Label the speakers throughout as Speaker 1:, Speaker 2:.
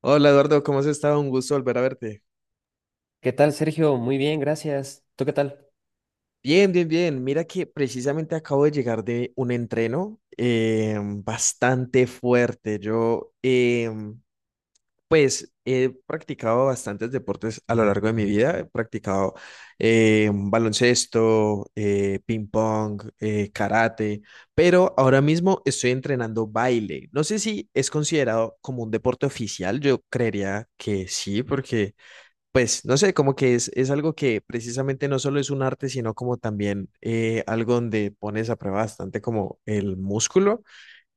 Speaker 1: Hola Eduardo, ¿cómo has estado? Un gusto volver a verte.
Speaker 2: ¿Qué tal, Sergio? Muy bien, gracias. ¿Tú qué tal?
Speaker 1: Bien, bien, bien. Mira que precisamente acabo de llegar de un entreno bastante fuerte. Yo, pues, he practicado bastantes deportes a lo largo de mi vida. He practicado baloncesto, ping pong, karate, pero ahora mismo estoy entrenando baile. No sé si es considerado como un deporte oficial. Yo creería que sí, porque pues no sé, como que es algo que precisamente no solo es un arte, sino como también algo donde pones a prueba bastante como el músculo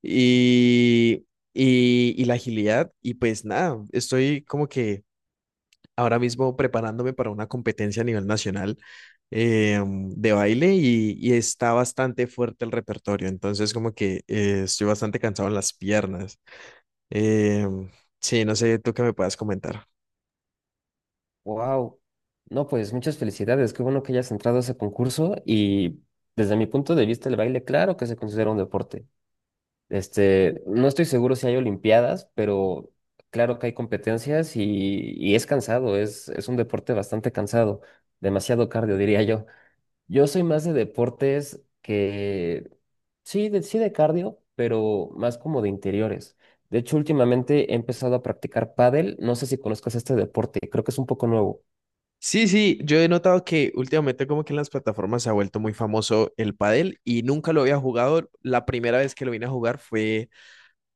Speaker 1: y, y la agilidad. Y pues nada, estoy como que ahora mismo preparándome para una competencia a nivel nacional de baile y está bastante fuerte el repertorio. Entonces como que estoy bastante cansado en las piernas. Eh, sí, no sé, tú qué me puedas comentar.
Speaker 2: Wow. No, pues muchas felicidades. Qué bueno que hayas entrado a ese concurso y desde mi punto de vista el baile, claro que se considera un deporte. Este, no estoy seguro si hay olimpiadas, pero claro que hay competencias y es cansado, es un deporte bastante cansado, demasiado cardio, diría yo. Yo soy más de deportes que, sí, de cardio, pero más como de interiores. De hecho, últimamente he empezado a practicar pádel. No sé si conozcas este deporte, creo que es un poco nuevo.
Speaker 1: Sí, sí, yo he notado que últimamente como que en las plataformas se ha vuelto muy famoso el pádel y nunca lo había jugado. La primera vez que lo vine a jugar fue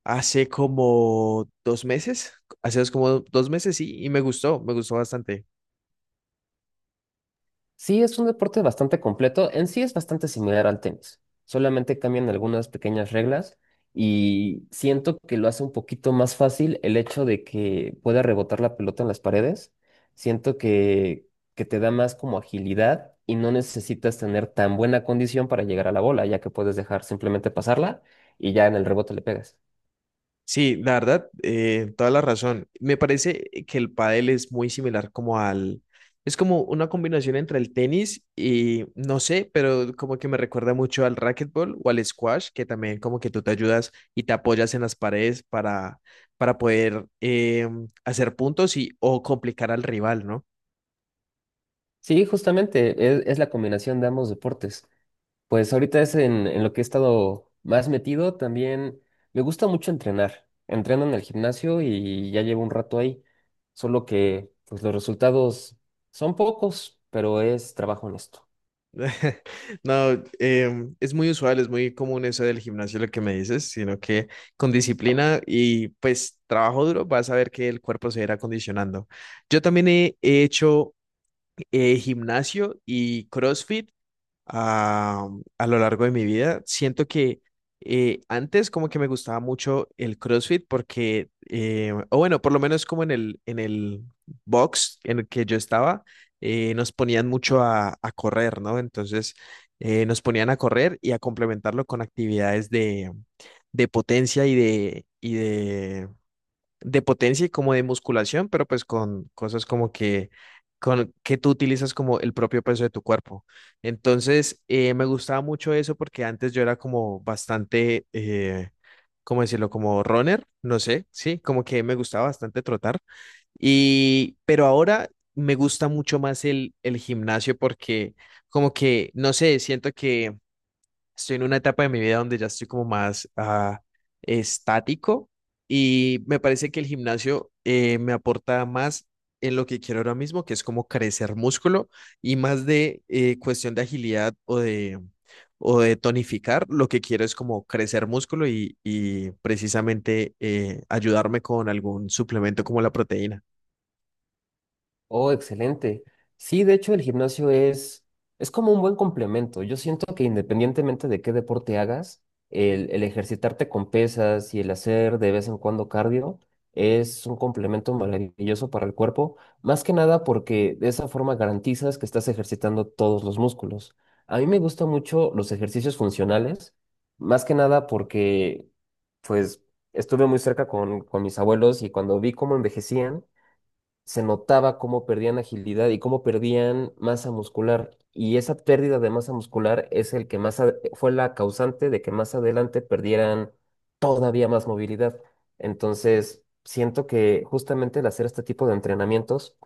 Speaker 1: hace como dos meses, como dos meses, sí, y me gustó bastante.
Speaker 2: Sí, es un deporte bastante completo. En sí es bastante similar al tenis. Solamente cambian algunas pequeñas reglas y siento que lo hace un poquito más fácil el hecho de que pueda rebotar la pelota en las paredes. Siento que te da más como agilidad y no necesitas tener tan buena condición para llegar a la bola, ya que puedes dejar simplemente pasarla y ya en el rebote le pegas.
Speaker 1: Sí, la verdad, toda la razón. Me parece que el pádel es muy similar como al... Es como una combinación entre el tenis y no sé, pero como que me recuerda mucho al racquetball o al squash, que también como que tú te ayudas y te apoyas en las paredes para poder hacer puntos y o complicar al rival, ¿no?
Speaker 2: Sí, justamente es la combinación de ambos deportes. Pues ahorita es en lo que he estado más metido. También me gusta mucho entrenar. Entreno en el gimnasio y ya llevo un rato ahí. Solo que pues los resultados son pocos, pero es trabajo honesto.
Speaker 1: No, es muy usual, es muy común eso del gimnasio, lo que me dices, sino que con disciplina y pues trabajo duro vas a ver que el cuerpo se irá acondicionando. Yo también he hecho gimnasio y CrossFit a, a lo largo de mi vida. Siento que antes como que me gustaba mucho el CrossFit porque, o bueno, por lo menos como en el box en el que yo estaba, nos ponían mucho a correr, ¿no? Entonces nos ponían a correr y a complementarlo con actividades de potencia y de de potencia y como de musculación, pero pues con cosas como que, con, que tú utilizas como el propio peso de tu cuerpo. Entonces, me gustaba mucho eso porque antes yo era como bastante, ¿cómo decirlo? Como runner, no sé, sí, como que me gustaba bastante trotar. Y, pero ahora me gusta mucho más el gimnasio porque como que, no sé, siento que estoy en una etapa de mi vida donde ya estoy como más estático y me parece que el gimnasio me aporta más en lo que quiero ahora mismo, que es como crecer músculo y más de cuestión de agilidad o de tonificar. Lo que quiero es como crecer músculo y precisamente ayudarme con algún suplemento como la proteína.
Speaker 2: Oh, excelente. Sí, de hecho el gimnasio es como un buen complemento. Yo siento que independientemente de qué deporte hagas, el ejercitarte con pesas y el hacer de vez en cuando cardio es un complemento maravilloso para el cuerpo, más que nada porque de esa forma garantizas que estás ejercitando todos los músculos. A mí me gustan mucho los ejercicios funcionales, más que nada porque pues estuve muy cerca con mis abuelos y cuando vi cómo envejecían, se notaba cómo perdían agilidad y cómo perdían masa muscular. Y esa pérdida de masa muscular es el que más fue la causante de que más adelante perdieran todavía más movilidad. Entonces, siento que justamente el hacer este tipo de entrenamientos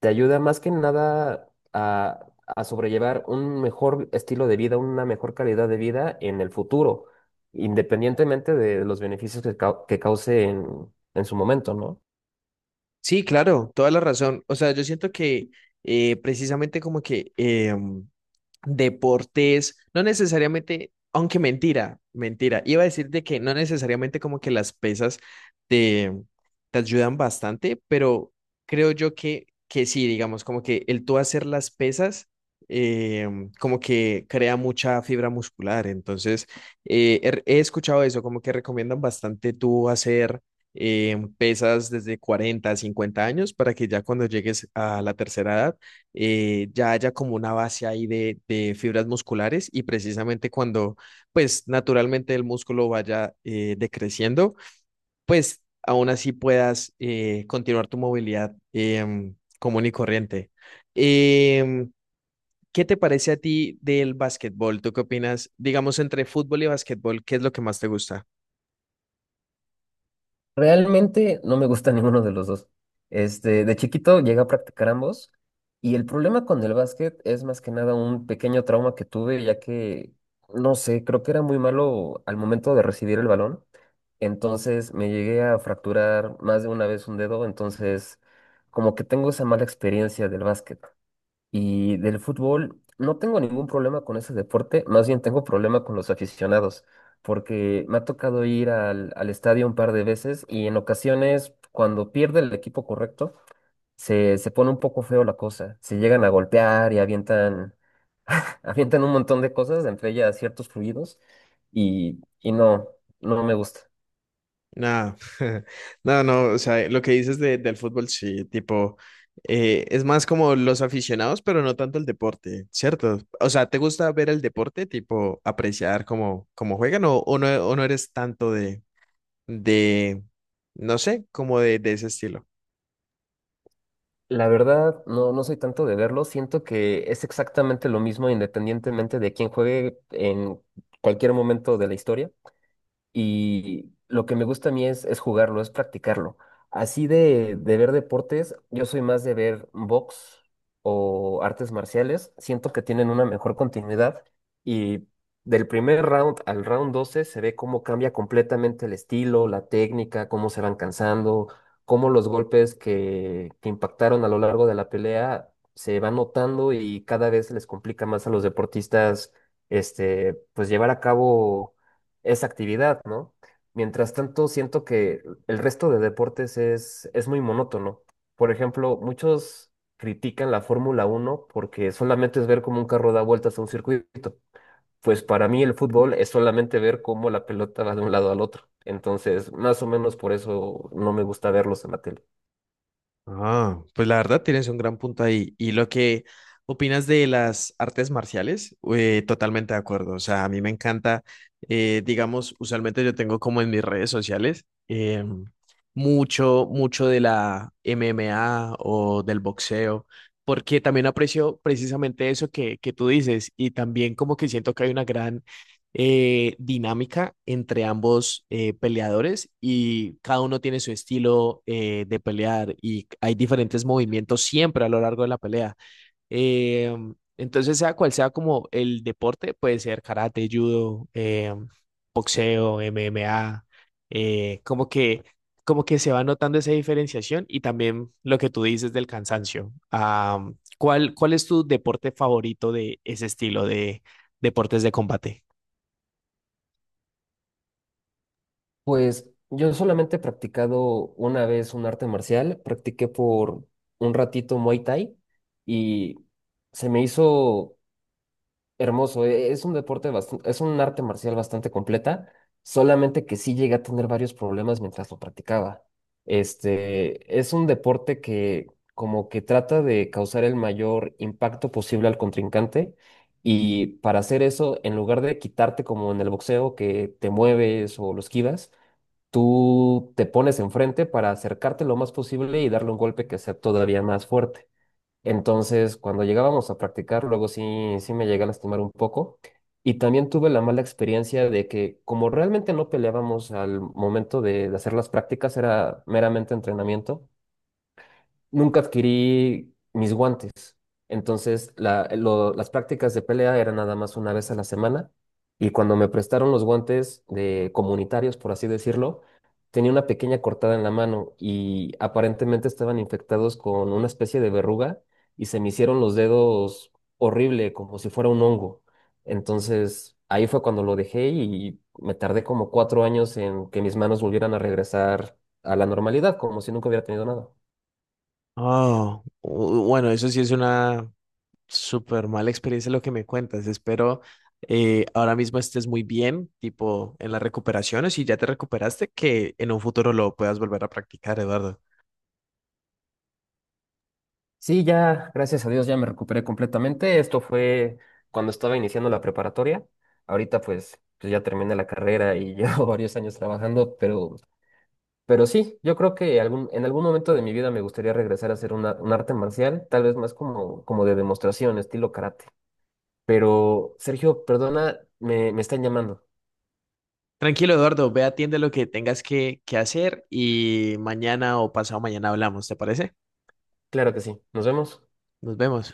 Speaker 2: te ayuda más que nada a sobrellevar un mejor estilo de vida, una mejor calidad de vida en el futuro, independientemente de los beneficios que cause en su momento, ¿no?
Speaker 1: Sí, claro, toda la razón. O sea, yo siento que precisamente como que... deportes, no necesariamente, aunque mentira, mentira, iba a decirte que no necesariamente como que las pesas te, te ayudan bastante, pero creo yo que sí, digamos, como que el tú hacer las pesas, eh, como que crea mucha fibra muscular, entonces eh, he escuchado eso, como que recomiendan bastante tú hacer... pesas desde 40 a 50 años para que ya cuando llegues a la tercera edad ya haya como una base ahí de fibras musculares y precisamente cuando pues naturalmente el músculo vaya decreciendo, pues aún así puedas continuar tu movilidad común y corriente. Em, ¿Qué te parece a ti del básquetbol? ¿Tú qué opinas? Digamos, entre fútbol y básquetbol, ¿qué es lo que más te gusta?
Speaker 2: Realmente no me gusta ninguno de los dos. Este, de chiquito llegué a practicar ambos y el problema con el básquet es más que nada un pequeño trauma que tuve, ya que, no sé, creo que era muy malo al momento de recibir el balón. Entonces me llegué a fracturar más de una vez un dedo, entonces como que tengo esa mala experiencia del básquet. Y del fútbol, no tengo ningún problema con ese deporte, más bien tengo problema con los aficionados, porque me ha tocado ir al estadio un par de veces y en ocasiones, cuando pierde el equipo correcto, se pone un poco feo la cosa. Se llegan a golpear y avientan, avientan un montón de cosas, entre ellas ciertos fluidos, y no, no me gusta.
Speaker 1: Nada, no, no, o sea, lo que dices del fútbol, sí, tipo, es más como los aficionados, pero no tanto el deporte, ¿cierto? O sea, ¿te gusta ver el deporte, tipo, apreciar cómo, cómo juegan o no eres tanto de, no sé, como de ese estilo?
Speaker 2: La verdad, no, no soy tanto de verlo, siento que es exactamente lo mismo independientemente de quién juegue en cualquier momento de la historia y lo que me gusta a mí es jugarlo, es practicarlo. Así de ver deportes, yo soy más de ver box o artes marciales. Siento que tienen una mejor continuidad y del primer round al round 12 se ve cómo cambia completamente el estilo, la técnica, cómo se van cansando, cómo los golpes que impactaron a lo largo de la pelea se van notando y cada vez les complica más a los deportistas este, pues llevar a cabo esa actividad, ¿no? Mientras tanto, siento que el resto de deportes es muy monótono. Por ejemplo, muchos critican la Fórmula 1 porque solamente es ver cómo un carro da vueltas a un circuito. Pues para mí el fútbol es solamente ver cómo la pelota va de un lado al otro. Entonces, más o menos por eso no me gusta verlos en la tele.
Speaker 1: Ah, pues la verdad tienes un gran punto ahí. Y lo que opinas de las artes marciales, totalmente de acuerdo. O sea, a mí me encanta, digamos, usualmente yo tengo como en mis redes sociales mucho, mucho de la MMA o del boxeo, porque también aprecio precisamente eso que tú dices y también como que siento que hay una gran dinámica entre ambos peleadores y cada uno tiene su estilo de pelear y hay diferentes movimientos siempre a lo largo de la pelea. Eh, entonces, sea cual sea como el deporte, puede ser karate, judo, boxeo, MMA, eh, como que, como que se va notando esa diferenciación y también lo que tú dices del cansancio. Ah, ¿cuál, cuál es tu deporte favorito de ese estilo de deportes de combate?
Speaker 2: Pues yo solamente he practicado una vez un arte marcial, practiqué por un ratito Muay Thai y se me hizo hermoso. Es un arte marcial bastante completa, solamente que sí llegué a tener varios problemas mientras lo practicaba. Este, es un deporte que como que trata de causar el mayor impacto posible al contrincante y para hacer eso, en lugar de quitarte como en el boxeo que te mueves o lo esquivas, tú te pones enfrente para acercarte lo más posible y darle un golpe que sea todavía más fuerte. Entonces, cuando llegábamos a practicar, luego sí me llegué a lastimar un poco. Y también tuve la mala experiencia de que como realmente no peleábamos al momento de hacer las prácticas, era meramente entrenamiento, nunca adquirí mis guantes. Entonces, las prácticas de pelea eran nada más una vez a la semana y cuando me prestaron los guantes de comunitarios, por así decirlo, tenía una pequeña cortada en la mano y aparentemente estaban infectados con una especie de verruga y se me hicieron los dedos horrible, como si fuera un hongo. Entonces, ahí fue cuando lo dejé y me tardé como 4 años en que mis manos volvieran a regresar a la normalidad, como si nunca hubiera tenido nada.
Speaker 1: Oh, bueno, eso sí es una súper mala experiencia lo que me cuentas. Espero ahora mismo estés muy bien, tipo en las recuperaciones, y ya te recuperaste, que en un futuro lo puedas volver a practicar, Eduardo.
Speaker 2: Sí, ya, gracias a Dios, ya me recuperé completamente. Esto fue cuando estaba iniciando la preparatoria. Ahorita pues ya terminé la carrera y llevo varios años trabajando, pero sí, yo creo que en algún momento de mi vida me gustaría regresar a hacer un arte marcial, tal vez más como de demostración, estilo karate. Pero, Sergio, perdona, me están llamando.
Speaker 1: Tranquilo, Eduardo, ve, atiende lo que tengas que hacer y mañana o pasado mañana hablamos, ¿te parece?
Speaker 2: Claro que sí. Nos vemos.
Speaker 1: Nos vemos.